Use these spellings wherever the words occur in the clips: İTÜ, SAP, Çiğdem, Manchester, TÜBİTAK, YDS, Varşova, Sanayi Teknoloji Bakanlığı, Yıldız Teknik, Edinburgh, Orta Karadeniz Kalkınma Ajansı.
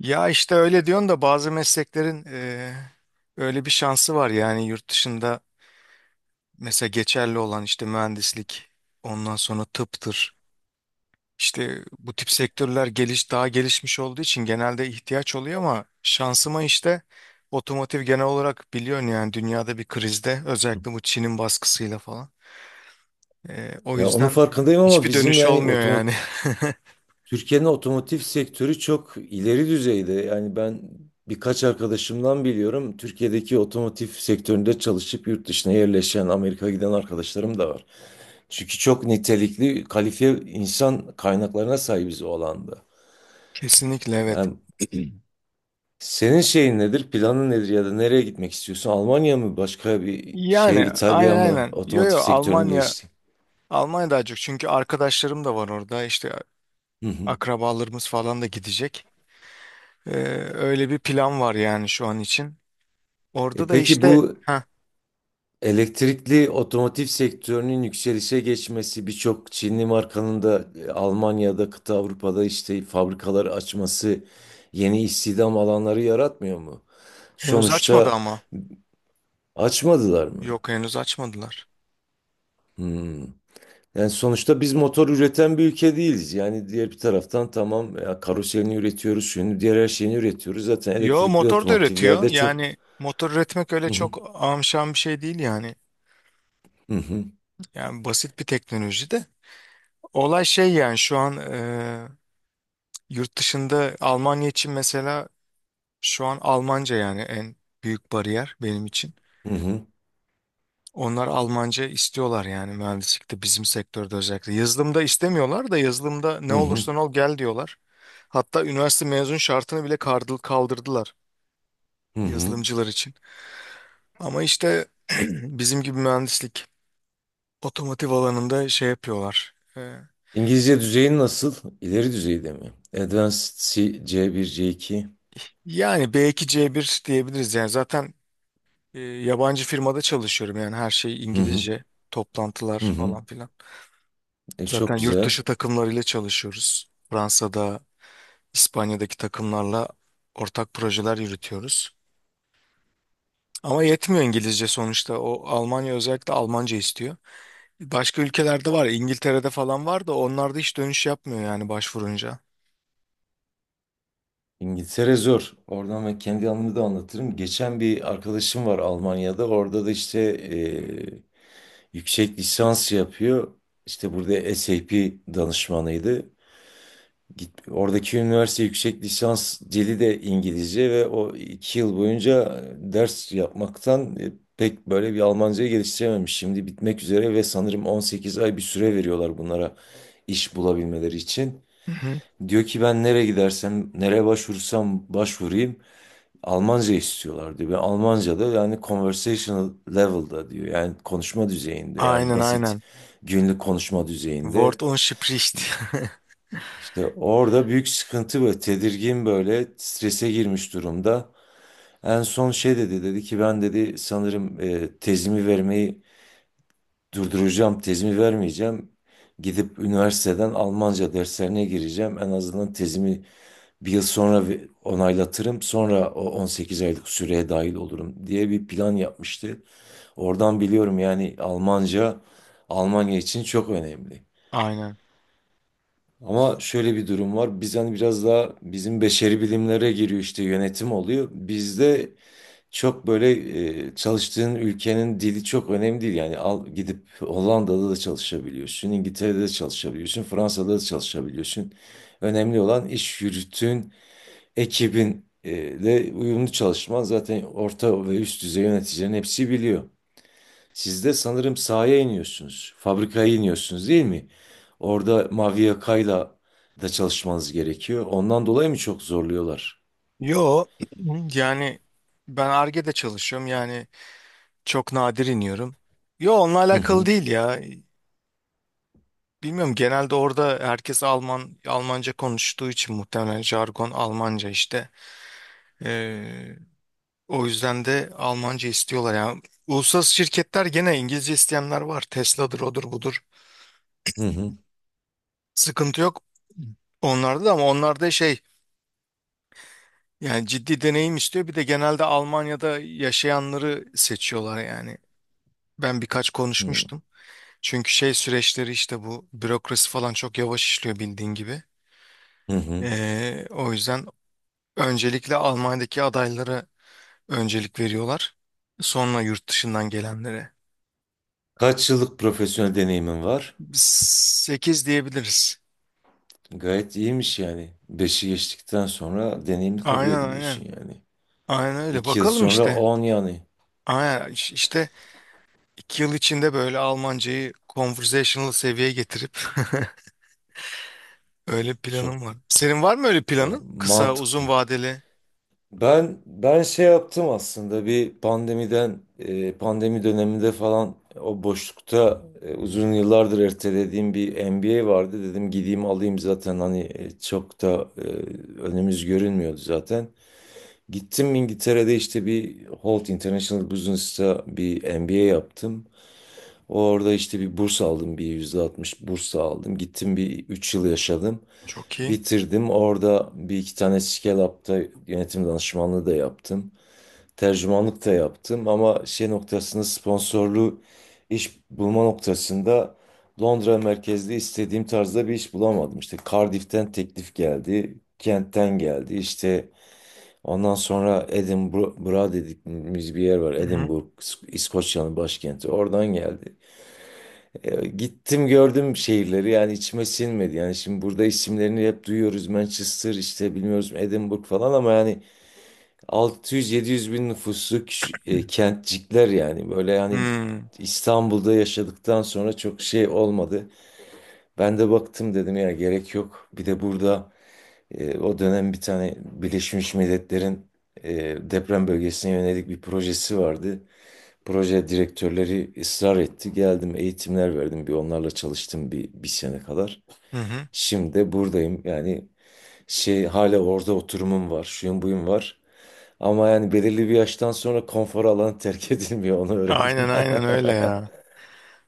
Ya işte öyle diyorsun da bazı mesleklerin öyle bir şansı var yani yurt dışında, mesela geçerli olan işte mühendislik, ondan sonra tıptır. İşte bu tip sektörler daha gelişmiş olduğu için genelde ihtiyaç oluyor, ama şansıma işte otomotiv, genel olarak biliyorsun yani dünyada bir krizde, özellikle bu Çin'in baskısıyla falan. O Ya onun yüzden farkındayım ama hiçbir bizim dönüş yani olmuyor yani. Türkiye'nin otomotiv sektörü çok ileri düzeyde. Yani ben birkaç arkadaşımdan biliyorum. Türkiye'deki otomotiv sektöründe çalışıp yurt dışına yerleşen, Amerika'ya giden arkadaşlarım da var. Çünkü çok nitelikli, kalifiye insan kaynaklarına sahibiz o alanda. Kesinlikle, evet. Yani senin şeyin nedir, planın nedir ya da nereye gitmek istiyorsun? Almanya mı, başka bir Yani şehir, aynen İtalya mı, aynen. Yo otomotiv yo sektörünün geliştiği? Almanya daha çok çünkü arkadaşlarım da var orada, işte Hı hı. akrabalarımız falan da gidecek. Ee, Öyle bir plan var yani şu an için. Orada E da peki işte bu elektrikli otomotiv sektörünün yükselişe geçmesi, birçok Çinli markanın da Almanya'da, kıta Avrupa'da işte fabrikaları açması yeni istihdam alanları yaratmıyor mu? henüz açmadı Sonuçta ama. açmadılar mı? Yok, henüz açmadılar. Hmm. Yani sonuçta biz motor üreten bir ülke değiliz. Yani diğer bir taraftan tamam ya karoserini üretiyoruz, şunu diğer her şeyini üretiyoruz. Zaten Yo, elektrikli motor da üretiyor otomotivlerde çok. yani. Motor üretmek öyle Hı hı, çok amşan bir şey değil yani. hı hı, Yani basit bir teknoloji de. Olay şey yani, şu an yurt dışında Almanya için mesela şu an Almanca yani en büyük bariyer benim için. hı hı, Onlar Almanca istiyorlar yani mühendislikte, bizim sektörde özellikle. Yazılımda istemiyorlar, da yazılımda ne hı hı, olursan ol gel diyorlar. Hatta üniversite mezun şartını bile kaldırdılar hı hı. yazılımcılar için. Ama işte bizim gibi mühendislik otomotiv alanında şey yapıyorlar. İngilizce düzeyin nasıl? İleri düzeyde mi? Advanced C, C1, C2. Yani B2 C1 diyebiliriz yani. Zaten yabancı firmada çalışıyorum, yani her şey Hı hı, İngilizce, toplantılar hı hı. falan filan. Zaten Çok yurt güzel. dışı takımlarıyla çalışıyoruz. Fransa'da, İspanya'daki takımlarla ortak projeler yürütüyoruz. Ama yetmiyor İngilizce sonuçta. O Almanya özellikle Almanca istiyor. Başka ülkelerde var. İngiltere'de falan var da onlar da hiç dönüş yapmıyor yani başvurunca. İngiltere zor. Oradan ben kendi anımı da anlatırım. Geçen bir arkadaşım var Almanya'da. Orada da işte yüksek lisans yapıyor. İşte burada SAP danışmanıydı. Git, oradaki üniversite yüksek lisans dili de İngilizce ve o 2 yıl boyunca ders yapmaktan pek böyle bir Almancayı geliştirememiş. Şimdi bitmek üzere ve sanırım 18 ay bir süre veriyorlar bunlara iş bulabilmeleri için. Hı hı. Diyor ki ben nereye gidersem, nereye başvursam başvurayım Almanca istiyorlar diyor. Ve Almanca da yani conversational level'da diyor. Yani konuşma düzeyinde yani Aynen basit aynen. günlük konuşma düzeyinde. Wort und Spricht. İşte orada büyük sıkıntı ve tedirgin böyle strese girmiş durumda. En son şey dedi ki ben dedi sanırım tezimi vermeyi durduracağım, tezimi vermeyeceğim. Gidip üniversiteden Almanca derslerine gireceğim. En azından tezimi bir yıl sonra onaylatırım. Sonra o 18 aylık süreye dahil olurum diye bir plan yapmıştı. Oradan biliyorum yani Almanca Almanya için çok önemli. Aynen. Ama şöyle bir durum var. Biz hani biraz daha bizim beşeri bilimlere giriyor işte yönetim oluyor. Bizde çok böyle çalıştığın ülkenin dili çok önemli değil. Yani al gidip Hollanda'da da çalışabiliyorsun, İngiltere'de de çalışabiliyorsun, Fransa'da da çalışabiliyorsun. Önemli olan iş yürütün, ekibin de uyumlu çalışman. Zaten orta ve üst düzey yöneticilerin hepsi biliyor. Siz de sanırım sahaya iniyorsunuz. Fabrikaya iniyorsunuz değil mi? Orada mavi yakayla da çalışmanız gerekiyor. Ondan dolayı mı çok zorluyorlar? Yo, yani ben Ar-Ge'de çalışıyorum yani, çok nadir iniyorum. Yo, onunla Hı alakalı hı, değil ya. Bilmiyorum, genelde orada herkes Almanca konuştuğu için muhtemelen jargon Almanca işte. Ee, O yüzden de Almanca istiyorlar ya. Uluslararası şirketler gene, İngilizce isteyenler var. Tesla'dır, odur budur. hı hı, Sıkıntı yok onlarda da, ama onlarda şey, yani ciddi deneyim istiyor. Bir de genelde Almanya'da yaşayanları seçiyorlar yani. Ben birkaç hı konuşmuştum. Çünkü şey, süreçleri işte, bu bürokrasi falan çok yavaş işliyor bildiğin gibi. hı. Hı. O yüzden öncelikle Almanya'daki adaylara öncelik veriyorlar. Sonra yurt dışından gelenlere. Kaç yıllık profesyonel deneyimin var? 8 diyebiliriz. Gayet iyiymiş yani. Beşi geçtikten sonra deneyimli kabul Aynen aynen. ediliyorsun yani. Aynen öyle. 2 yıl Bakalım sonra işte. 10 yani. Aynen. İşte 2 yıl içinde böyle Almancayı conversational seviyeye getirip öyle Çok planım var. Senin var mı öyle valla planın? Kısa, uzun mantıklı. vadeli. Ben şey yaptım aslında bir pandemiden pandemi döneminde falan o boşlukta uzun yıllardır ertelediğim bir MBA vardı dedim gideyim alayım zaten hani çok da önümüz görünmüyordu zaten. Gittim İngiltere'de işte bir Holt International Business'ta bir MBA yaptım. Orada işte bir burs aldım bir %60 burs aldım. Gittim bir 3 yıl yaşadım. Çok iyi. Bitirdim. Orada bir iki tane Scale Up'ta yönetim danışmanlığı da yaptım tercümanlık da yaptım ama şey noktasında sponsorlu iş bulma noktasında Londra merkezli istediğim tarzda bir iş bulamadım. İşte Cardiff'ten teklif geldi, Kent'ten geldi. İşte ondan sonra Edinburgh dediğimiz bir yer var. Hı-hı. Edinburgh, İskoçya'nın başkenti. Oradan geldi. Gittim gördüm şehirleri yani içime sinmedi. Yani şimdi burada isimlerini hep duyuyoruz. Manchester işte bilmiyoruz Edinburgh falan ama yani 600-700 bin nüfuslu kentcikler yani böyle hani Hmm. İstanbul'da yaşadıktan sonra çok şey olmadı. Ben de baktım dedim ya gerek yok. Bir de burada o dönem bir tane Birleşmiş Milletler'in e, deprem bölgesine yönelik bir projesi vardı. Proje direktörleri ısrar etti. Geldim eğitimler verdim bir onlarla çalıştım bir sene kadar. Hı-hı. Şimdi de buradayım yani şey hala orada oturumum var şuyum buyum var. Ama yani belirli bir yaştan sonra konfor alanı terk edilmiyor onu Aynen öğrendim. aynen öyle ya.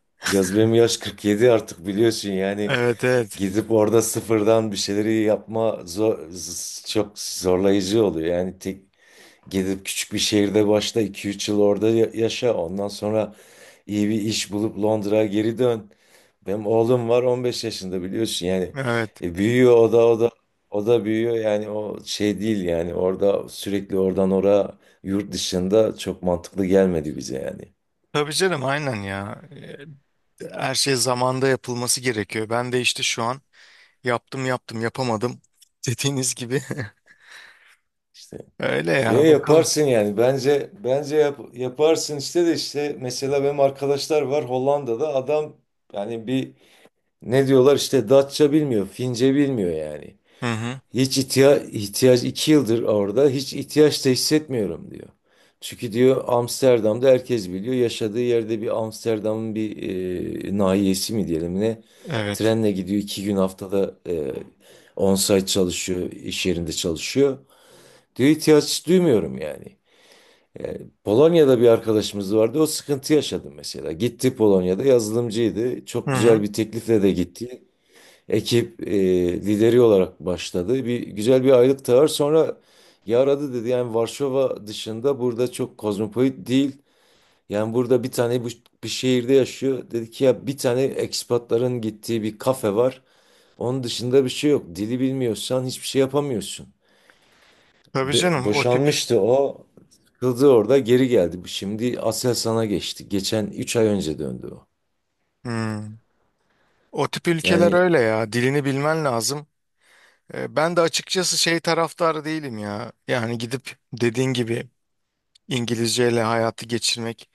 Biraz benim yaş 47 artık biliyorsun yani Evet evet. gidip orada sıfırdan bir şeyleri yapma zor, çok zorlayıcı oluyor. Yani tek gidip küçük bir şehirde başla iki üç yıl orada yaşa. Ondan sonra iyi bir iş bulup Londra'ya geri dön. Benim oğlum var 15 yaşında biliyorsun yani. Evet. Büyüyor o da büyüyor yani o şey değil yani orada sürekli oradan oraya yurt dışında çok mantıklı gelmedi bize yani. Tabii canım, aynen ya. Her şey zamanda yapılması gerekiyor. Ben de işte şu an yaptım yaptım yapamadım, dediğiniz gibi. İşte Öyle ya ya, bakalım. yaparsın yani bence yaparsın işte de işte mesela benim arkadaşlar var Hollanda'da adam yani bir ne diyorlar işte Datça bilmiyor, Fince bilmiyor yani. Hı hı. Hiç ihtiyaç 2 yıldır orada hiç ihtiyaç da hissetmiyorum diyor. Çünkü diyor Amsterdam'da herkes biliyor yaşadığı yerde bir Amsterdam'ın bir nahiyesi mi diyelim ne Evet. trenle gidiyor 2 gün haftada on-site çalışıyor iş yerinde çalışıyor. Diyor ihtiyaç duymuyorum yani. E, Polonya'da bir arkadaşımız vardı o sıkıntı yaşadı mesela. Gitti Polonya'da yazılımcıydı Hı çok güzel hı. bir teklifle de gitti ekip lideri olarak başladı. Bir güzel bir aylık tağır sonra yaradı dedi. Yani Varşova dışında burada çok kozmopolit değil. Yani burada bir tane bu, bir şehirde yaşıyor. Dedi ki ya bir tane ekspatların gittiği bir kafe var. Onun dışında bir şey yok. Dili bilmiyorsan hiçbir şey yapamıyorsun. Tabii canım, o tip. Boşanmıştı o. Sıkıldı orada geri geldi. Şimdi Aselsan'a geçti. Geçen 3 ay önce döndü o. Hmm. O tip ülkeler Yani öyle ya. Dilini bilmen lazım. Ben de açıkçası şey taraftarı değilim ya. Yani gidip, dediğin gibi, İngilizceyle hayatı geçirmek.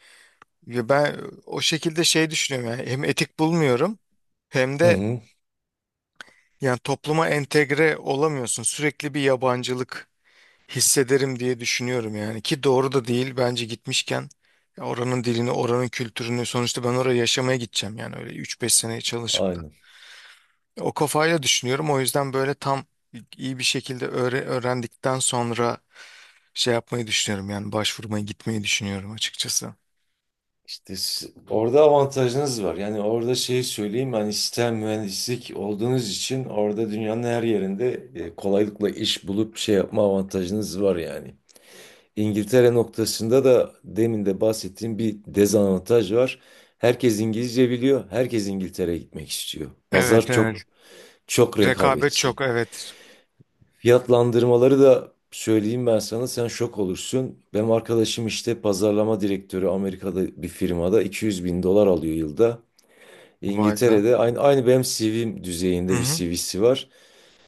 Ve ben o şekilde şey düşünüyorum yani. Hem etik bulmuyorum, hem hı de hı, yani topluma entegre olamıyorsun. Sürekli bir yabancılık hissederim diye düşünüyorum yani. Ki doğru da değil bence, gitmişken ya oranın dilini, oranın kültürünü, sonuçta ben oraya yaşamaya gideceğim yani. Öyle üç beş sene çalışıp da, aynen. o kafayla düşünüyorum. O yüzden böyle tam iyi bir şekilde öğrendikten sonra şey yapmayı düşünüyorum yani, başvurmaya gitmeyi düşünüyorum açıkçası. İşte orada avantajınız var. Yani orada şeyi söyleyeyim hani sistem mühendislik olduğunuz için orada dünyanın her yerinde kolaylıkla iş bulup şey yapma avantajınız var yani. İngiltere noktasında da demin de bahsettiğim bir dezavantaj var. Herkes İngilizce biliyor. Herkes İngiltere'ye gitmek istiyor. Evet Pazar çok evet, çok rekabet rekabetçi. çok, evet. Fiyatlandırmaları da söyleyeyim ben sana sen şok olursun. Benim arkadaşım işte pazarlama direktörü Amerika'da bir firmada 200 bin dolar alıyor yılda. Vay be. İngiltere'de aynı benim CV'm Hı düzeyinde bir hı. CV'si var.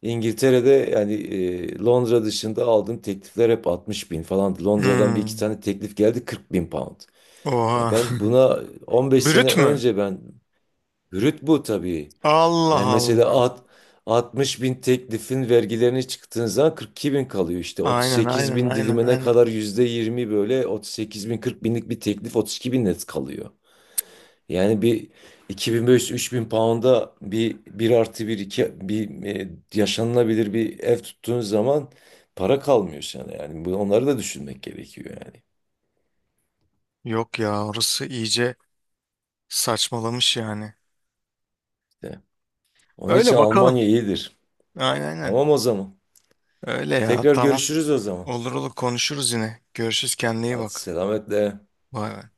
İngiltere'de yani Londra dışında aldığım teklifler hep 60 bin falan. Londra'dan bir iki Hmm. tane teklif geldi 40 bin pound. Ya Oha. ben buna 15 sene Brüt mü? önce ben brüt bu tabii. Allah Yani mesela Allah. at, 60 bin teklifin vergilerini çıktığın zaman 42 bin kalıyor işte. Aynen 38 aynen bin aynen dilimine aynen. kadar yüzde %20 böyle 38 bin 40 binlik bir teklif 32 bin net kalıyor. Yani bir 2500-3000 pound'a bir artı 1 2 bir yaşanılabilir bir ev tuttuğun zaman para kalmıyor sana yani. Bu, onları da düşünmek gerekiyor yani. Yok ya, orası iyice saçmalamış yani. İşte. Onun için Öyle bakalım. Almanya iyidir. Aynen aynen. Tamam o zaman. Öyle ya, Tekrar tamam. görüşürüz o zaman. Olur olur, konuşuruz yine. Görüşürüz, kendine iyi Hadi bak. selametle. Bay bay.